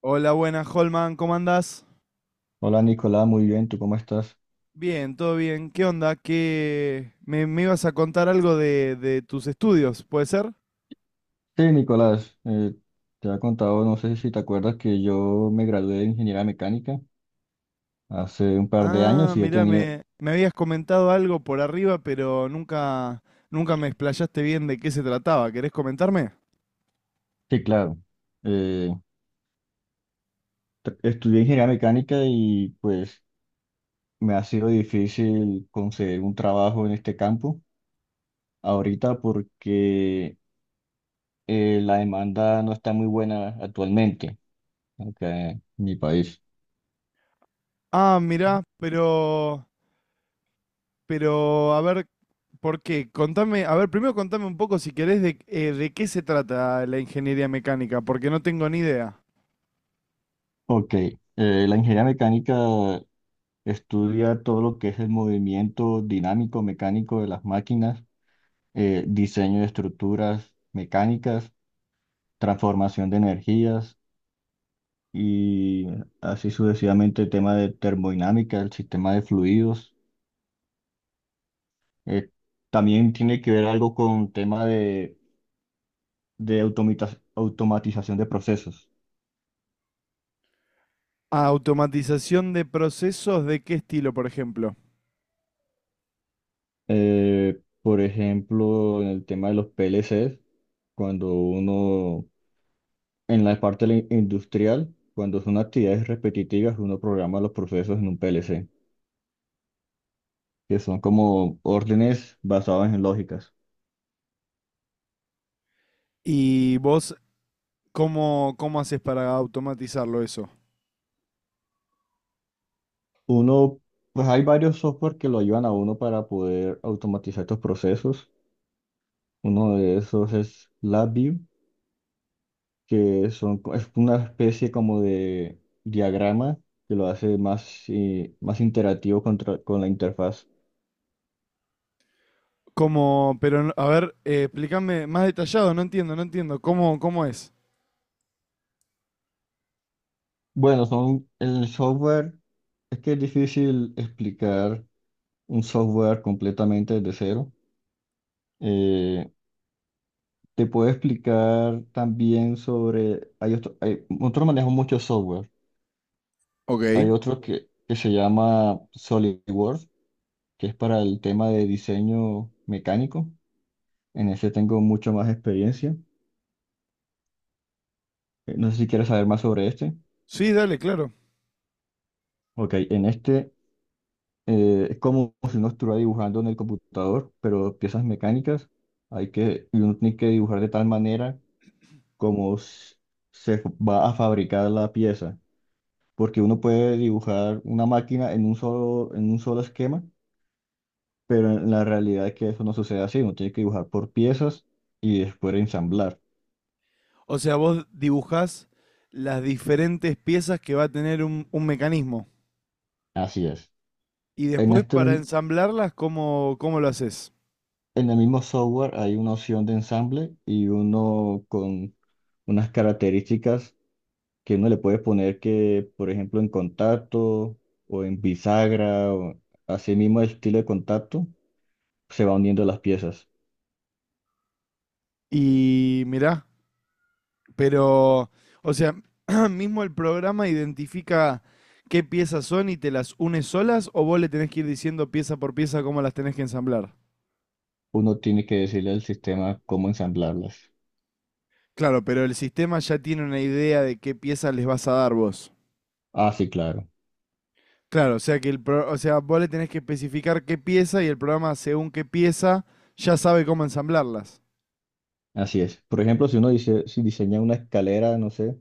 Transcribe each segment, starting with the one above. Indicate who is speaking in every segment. Speaker 1: Hola, buenas, Holman, ¿cómo andás?
Speaker 2: Hola Nicolás, muy bien, ¿tú cómo estás?
Speaker 1: Bien, todo bien. ¿Qué onda? Me ibas a contar algo de tus estudios, ¿puede ser?
Speaker 2: Sí, Nicolás, te he contado, no sé si te acuerdas que yo me gradué de ingeniería mecánica hace un par de
Speaker 1: Ah,
Speaker 2: años y he
Speaker 1: mirá,
Speaker 2: tenido,
Speaker 1: me habías comentado algo por arriba, pero nunca me explayaste bien de qué se trataba. ¿Querés comentarme?
Speaker 2: sí, claro, eh, estudié ingeniería mecánica y pues me ha sido difícil conseguir un trabajo en este campo ahorita porque la demanda no está muy buena actualmente acá en mi país.
Speaker 1: Ah, mirá, pero, a ver, ¿por qué? Contame, a ver, primero contame un poco si querés de qué se trata la ingeniería mecánica, porque no tengo ni idea.
Speaker 2: Ok, la ingeniería mecánica estudia todo lo que es el movimiento dinámico, mecánico de las máquinas, diseño de estructuras mecánicas, transformación de energías y así sucesivamente el tema de termodinámica, el sistema de fluidos. Eh, También tiene que ver algo con tema de automatización de procesos.
Speaker 1: Automatización de procesos, ¿de qué estilo, por ejemplo?
Speaker 2: Por ejemplo, en el tema de los PLCs, cuando uno, en la parte industrial, cuando son actividades repetitivas, uno programa los procesos en un PLC, que son como órdenes basadas en lógicas.
Speaker 1: ¿Y vos cómo haces para automatizarlo eso?
Speaker 2: Uno, pues hay varios software que lo ayudan a uno para poder automatizar estos procesos. Uno de esos es LabVIEW, que es una especie como de diagrama que lo hace más, más interactivo con la interfaz.
Speaker 1: ¿Cómo, pero a ver, explícame más detallado, no entiendo. ¿Cómo, cómo es?
Speaker 2: Bueno, son el software, es que es difícil explicar un software completamente desde cero. Eh, Te puedo explicar también sobre, hay nosotros manejamos mucho software. Hay
Speaker 1: Ok.
Speaker 2: otro que se llama SolidWorks, que es para el tema de diseño mecánico. En ese tengo mucho más experiencia. No sé si quieres saber más sobre este.
Speaker 1: Sí, dale, claro.
Speaker 2: Ok, en este es como si uno estuviera dibujando en el computador, pero piezas mecánicas hay que, y uno tiene que dibujar de tal manera cómo se va a fabricar la pieza, porque uno puede dibujar una máquina en un en un solo esquema, pero en la realidad es que eso no sucede así, uno tiene que dibujar por piezas y después ensamblar.
Speaker 1: O sea, vos dibujás las diferentes piezas que va a tener un mecanismo.
Speaker 2: Así es.
Speaker 1: Y
Speaker 2: En
Speaker 1: después
Speaker 2: este,
Speaker 1: para
Speaker 2: mim-
Speaker 1: ensamblarlas, ¿cómo, cómo lo haces?
Speaker 2: en el mismo software hay una opción de ensamble y uno con unas características que uno le puede poner que, por ejemplo, en contacto o en bisagra o así mismo el estilo de contacto, se va uniendo las piezas.
Speaker 1: Y mirá, pero, o sea, mismo el programa identifica qué piezas son y te las une solas o vos le tenés que ir diciendo pieza por pieza cómo las tenés que ensamblar.
Speaker 2: Uno tiene que decirle al sistema cómo ensamblarlas.
Speaker 1: Claro, pero el sistema ya tiene una idea de qué piezas les vas a dar vos.
Speaker 2: Ah, sí, claro,
Speaker 1: Claro, o sea que o sea, vos le tenés que especificar qué pieza y el programa según qué pieza ya sabe cómo ensamblarlas.
Speaker 2: así es. Por ejemplo, si uno dice, si diseña una escalera, no sé,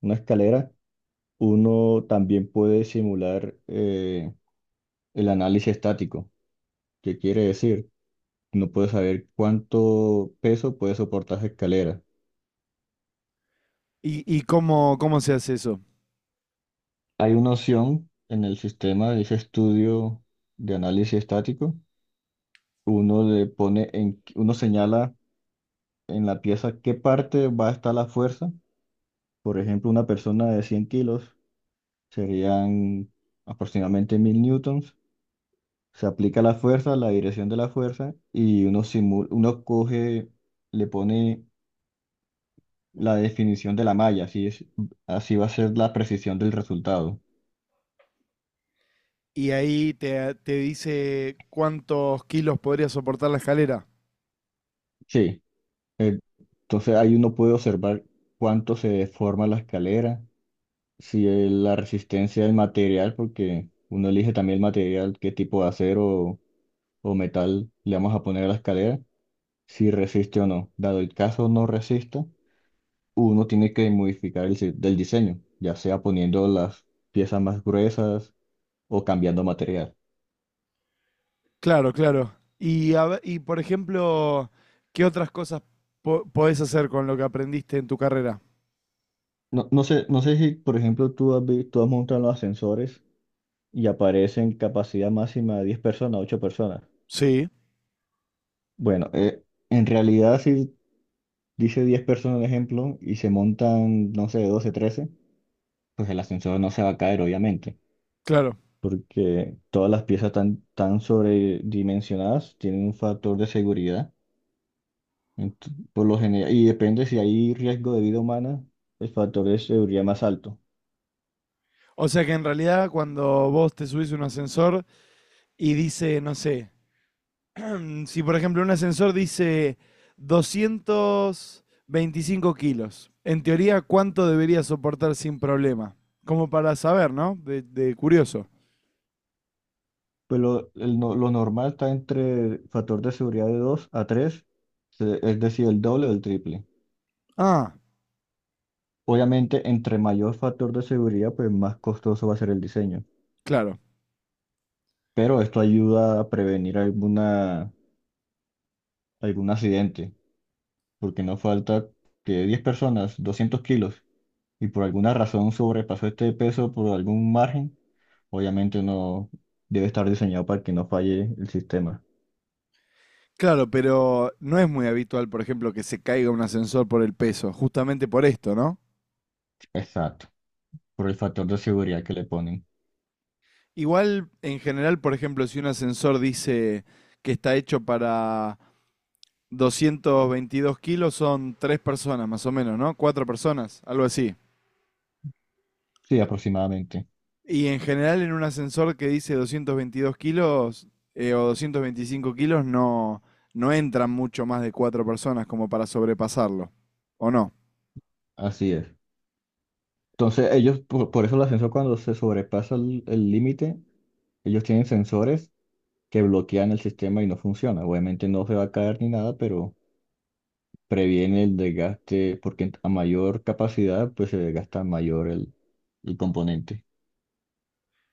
Speaker 2: una escalera, uno también puede simular el análisis estático. ¿Qué quiere decir? No puede saber cuánto peso puede soportar esa escalera.
Speaker 1: ¿Y cómo, cómo se hace eso?
Speaker 2: Hay una opción en el sistema, de ese estudio de análisis estático. Uno le uno señala en la pieza qué parte va a estar la fuerza. Por ejemplo, una persona de 100 kilos serían aproximadamente 1000 newtons. Se aplica la fuerza, la dirección de la fuerza, y uno simula, uno coge, le pone la definición de la malla, así es, así va a ser la precisión del resultado.
Speaker 1: Y ahí te dice cuántos kilos podría soportar la escalera.
Speaker 2: Sí, eh, entonces ahí uno puede observar cuánto se deforma la escalera, si es la resistencia del material, porque uno elige también el material, qué tipo de acero o metal le vamos a poner a la escalera, si resiste o no. Dado el caso no resista, uno tiene que modificar el, si- del diseño, ya sea poniendo las piezas más gruesas o cambiando material.
Speaker 1: Claro, claro. Y, y por ejemplo, ¿qué otras cosas podés hacer con lo que aprendiste en tu carrera?
Speaker 2: No, no sé, no sé si, por ejemplo, tú has montado los ascensores y aparecen capacidad máxima de 10 personas, 8 personas.
Speaker 1: Sí,
Speaker 2: Bueno, en realidad si dice 10 personas, por ejemplo, y se montan, no sé, 12, 13 pues el ascensor no se va a caer, obviamente,
Speaker 1: claro.
Speaker 2: porque todas las piezas tan sobredimensionadas, tienen un factor de seguridad, ent- por lo general, y depende si hay riesgo de vida humana, el factor de seguridad más alto.
Speaker 1: O sea que en realidad cuando vos te subís a un ascensor y dice, no sé, mm, si por ejemplo un ascensor dice 225 kilos, en teoría, ¿cuánto debería soportar sin problema? Como para saber, ¿no? De curioso.
Speaker 2: Pues lo, el no- Lo normal está entre el factor de seguridad de 2 a tres, es decir, el doble o el triple.
Speaker 1: Ah,
Speaker 2: Obviamente, entre mayor factor de seguridad, pues más costoso va a ser el diseño.
Speaker 1: claro.
Speaker 2: Pero esto ayuda a prevenir alguna, algún accidente, porque no falta que 10 personas, 200 kilos, y por alguna razón sobrepasó este peso por algún margen, obviamente no debe estar diseñado para que no falle el sistema.
Speaker 1: Claro, pero no es muy habitual, por ejemplo, que se caiga un ascensor por el peso, justamente por esto, ¿no?
Speaker 2: Exacto, por el factor de seguridad que le ponen.
Speaker 1: Igual, en general, por ejemplo, si un ascensor dice que está hecho para 222 kilos, son tres personas más o menos, ¿no? Cuatro personas, algo así.
Speaker 2: Sí, aproximadamente.
Speaker 1: Y en general, en un ascensor que dice 222 kilos o 225 kilos, no entran mucho más de cuatro personas como para sobrepasarlo, ¿o no?
Speaker 2: Así es. Entonces, ellos, por eso el ascensor cuando se sobrepasa el límite, ellos tienen sensores que bloquean el sistema y no funciona. Obviamente no se va a caer ni nada, pero previene el desgaste, porque a mayor capacidad, pues se desgasta mayor el componente.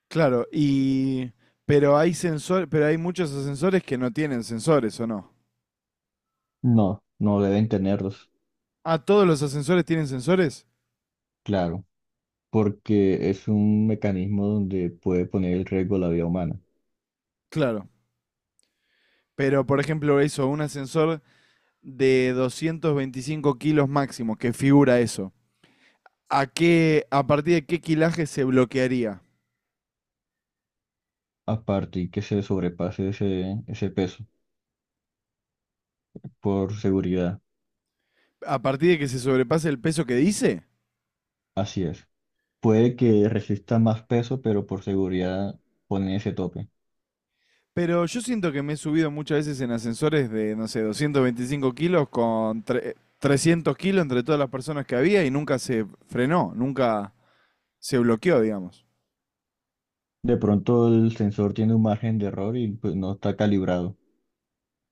Speaker 1: Claro, y pero hay sensor, pero hay muchos ascensores que no tienen sensores, ¿o no?
Speaker 2: No, no deben tenerlos,
Speaker 1: Ah, todos los ascensores tienen sensores.
Speaker 2: claro, porque es un mecanismo donde puede poner en riesgo la vida humana.
Speaker 1: Claro. Pero, por ejemplo, eso, un ascensor de 225 kilos máximo, que figura eso. ¿A qué, a partir de qué kilaje se bloquearía?
Speaker 2: Aparte, y que se sobrepase ese peso por seguridad.
Speaker 1: ¿A partir de que se sobrepase el peso que dice?
Speaker 2: Así es. Puede que resista más peso, pero por seguridad pone ese tope.
Speaker 1: Pero yo siento que me he subido muchas veces en ascensores de, no sé, 225 kilos con 300 kilos entre todas las personas que había y nunca se frenó, nunca, se bloqueó, digamos.
Speaker 2: De pronto el sensor tiene un margen de error y pues, no está calibrado.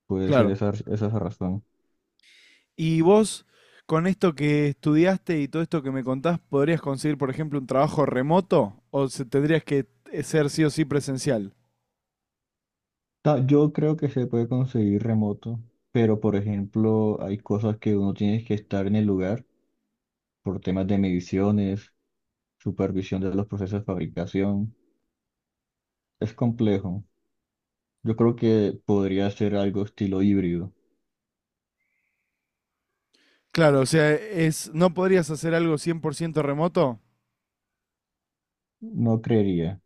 Speaker 2: Puede ser
Speaker 1: Claro.
Speaker 2: esa es la razón.
Speaker 1: Y vos, con esto que estudiaste y todo esto que me contás, ¿podrías conseguir, por ejemplo, un trabajo remoto o tendrías que ser sí o sí presencial?
Speaker 2: Yo creo que se puede conseguir remoto, pero por ejemplo hay cosas que uno tiene que estar en el lugar por temas de mediciones, supervisión de los procesos de fabricación. Es complejo. Yo creo que podría ser algo estilo híbrido.
Speaker 1: Claro, o sea, es, ¿no podrías hacer algo cien por ciento remoto?
Speaker 2: No creería,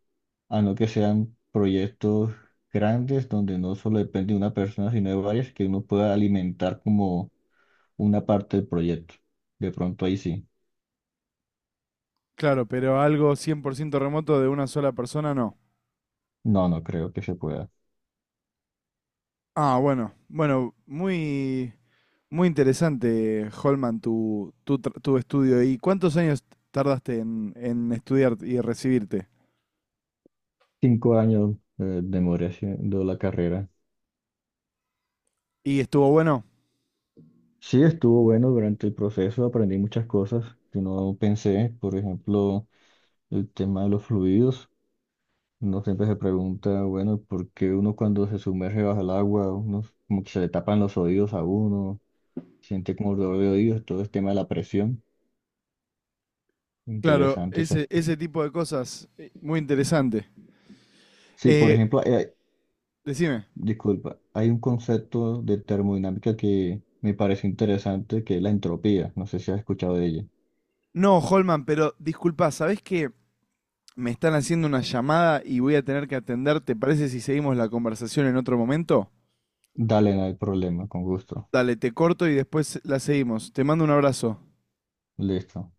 Speaker 2: a no que sean proyectos grandes donde no solo depende de una persona, sino de varias que uno pueda alimentar como una parte del proyecto. De pronto ahí sí.
Speaker 1: Claro, pero algo 100% remoto de una sola persona no.
Speaker 2: No, no creo que se pueda.
Speaker 1: Ah, bueno, bueno, muy interesante, Holman, tu estudio. ¿Y cuántos años tardaste en estudiar y recibirte?
Speaker 2: 5 años demoré haciendo la carrera.
Speaker 1: ¿Y estuvo bueno?
Speaker 2: Sí, estuvo bueno, durante el proceso aprendí muchas cosas que no pensé, por ejemplo, el tema de los fluidos. Uno siempre se pregunta, bueno, ¿por qué uno cuando se sumerge bajo el agua, uno como que se le tapan los oídos a uno, siente como dolor de oídos, todo el tema de la presión?
Speaker 1: Claro,
Speaker 2: Interesante esa.
Speaker 1: ese tipo de cosas, muy interesante.
Speaker 2: Sí, por
Speaker 1: Eh,
Speaker 2: ejemplo,
Speaker 1: decime,
Speaker 2: disculpa, hay un concepto de termodinámica que me parece interesante, que es la entropía. No sé si has escuchado de ella.
Speaker 1: no, Holman, pero disculpa, ¿sabés que me están haciendo una llamada y voy a tener que atender? ¿Te parece si seguimos la conversación en otro momento?
Speaker 2: Dale, no hay problema, con gusto.
Speaker 1: Dale, te corto y después la seguimos. Te mando un abrazo.
Speaker 2: Listo.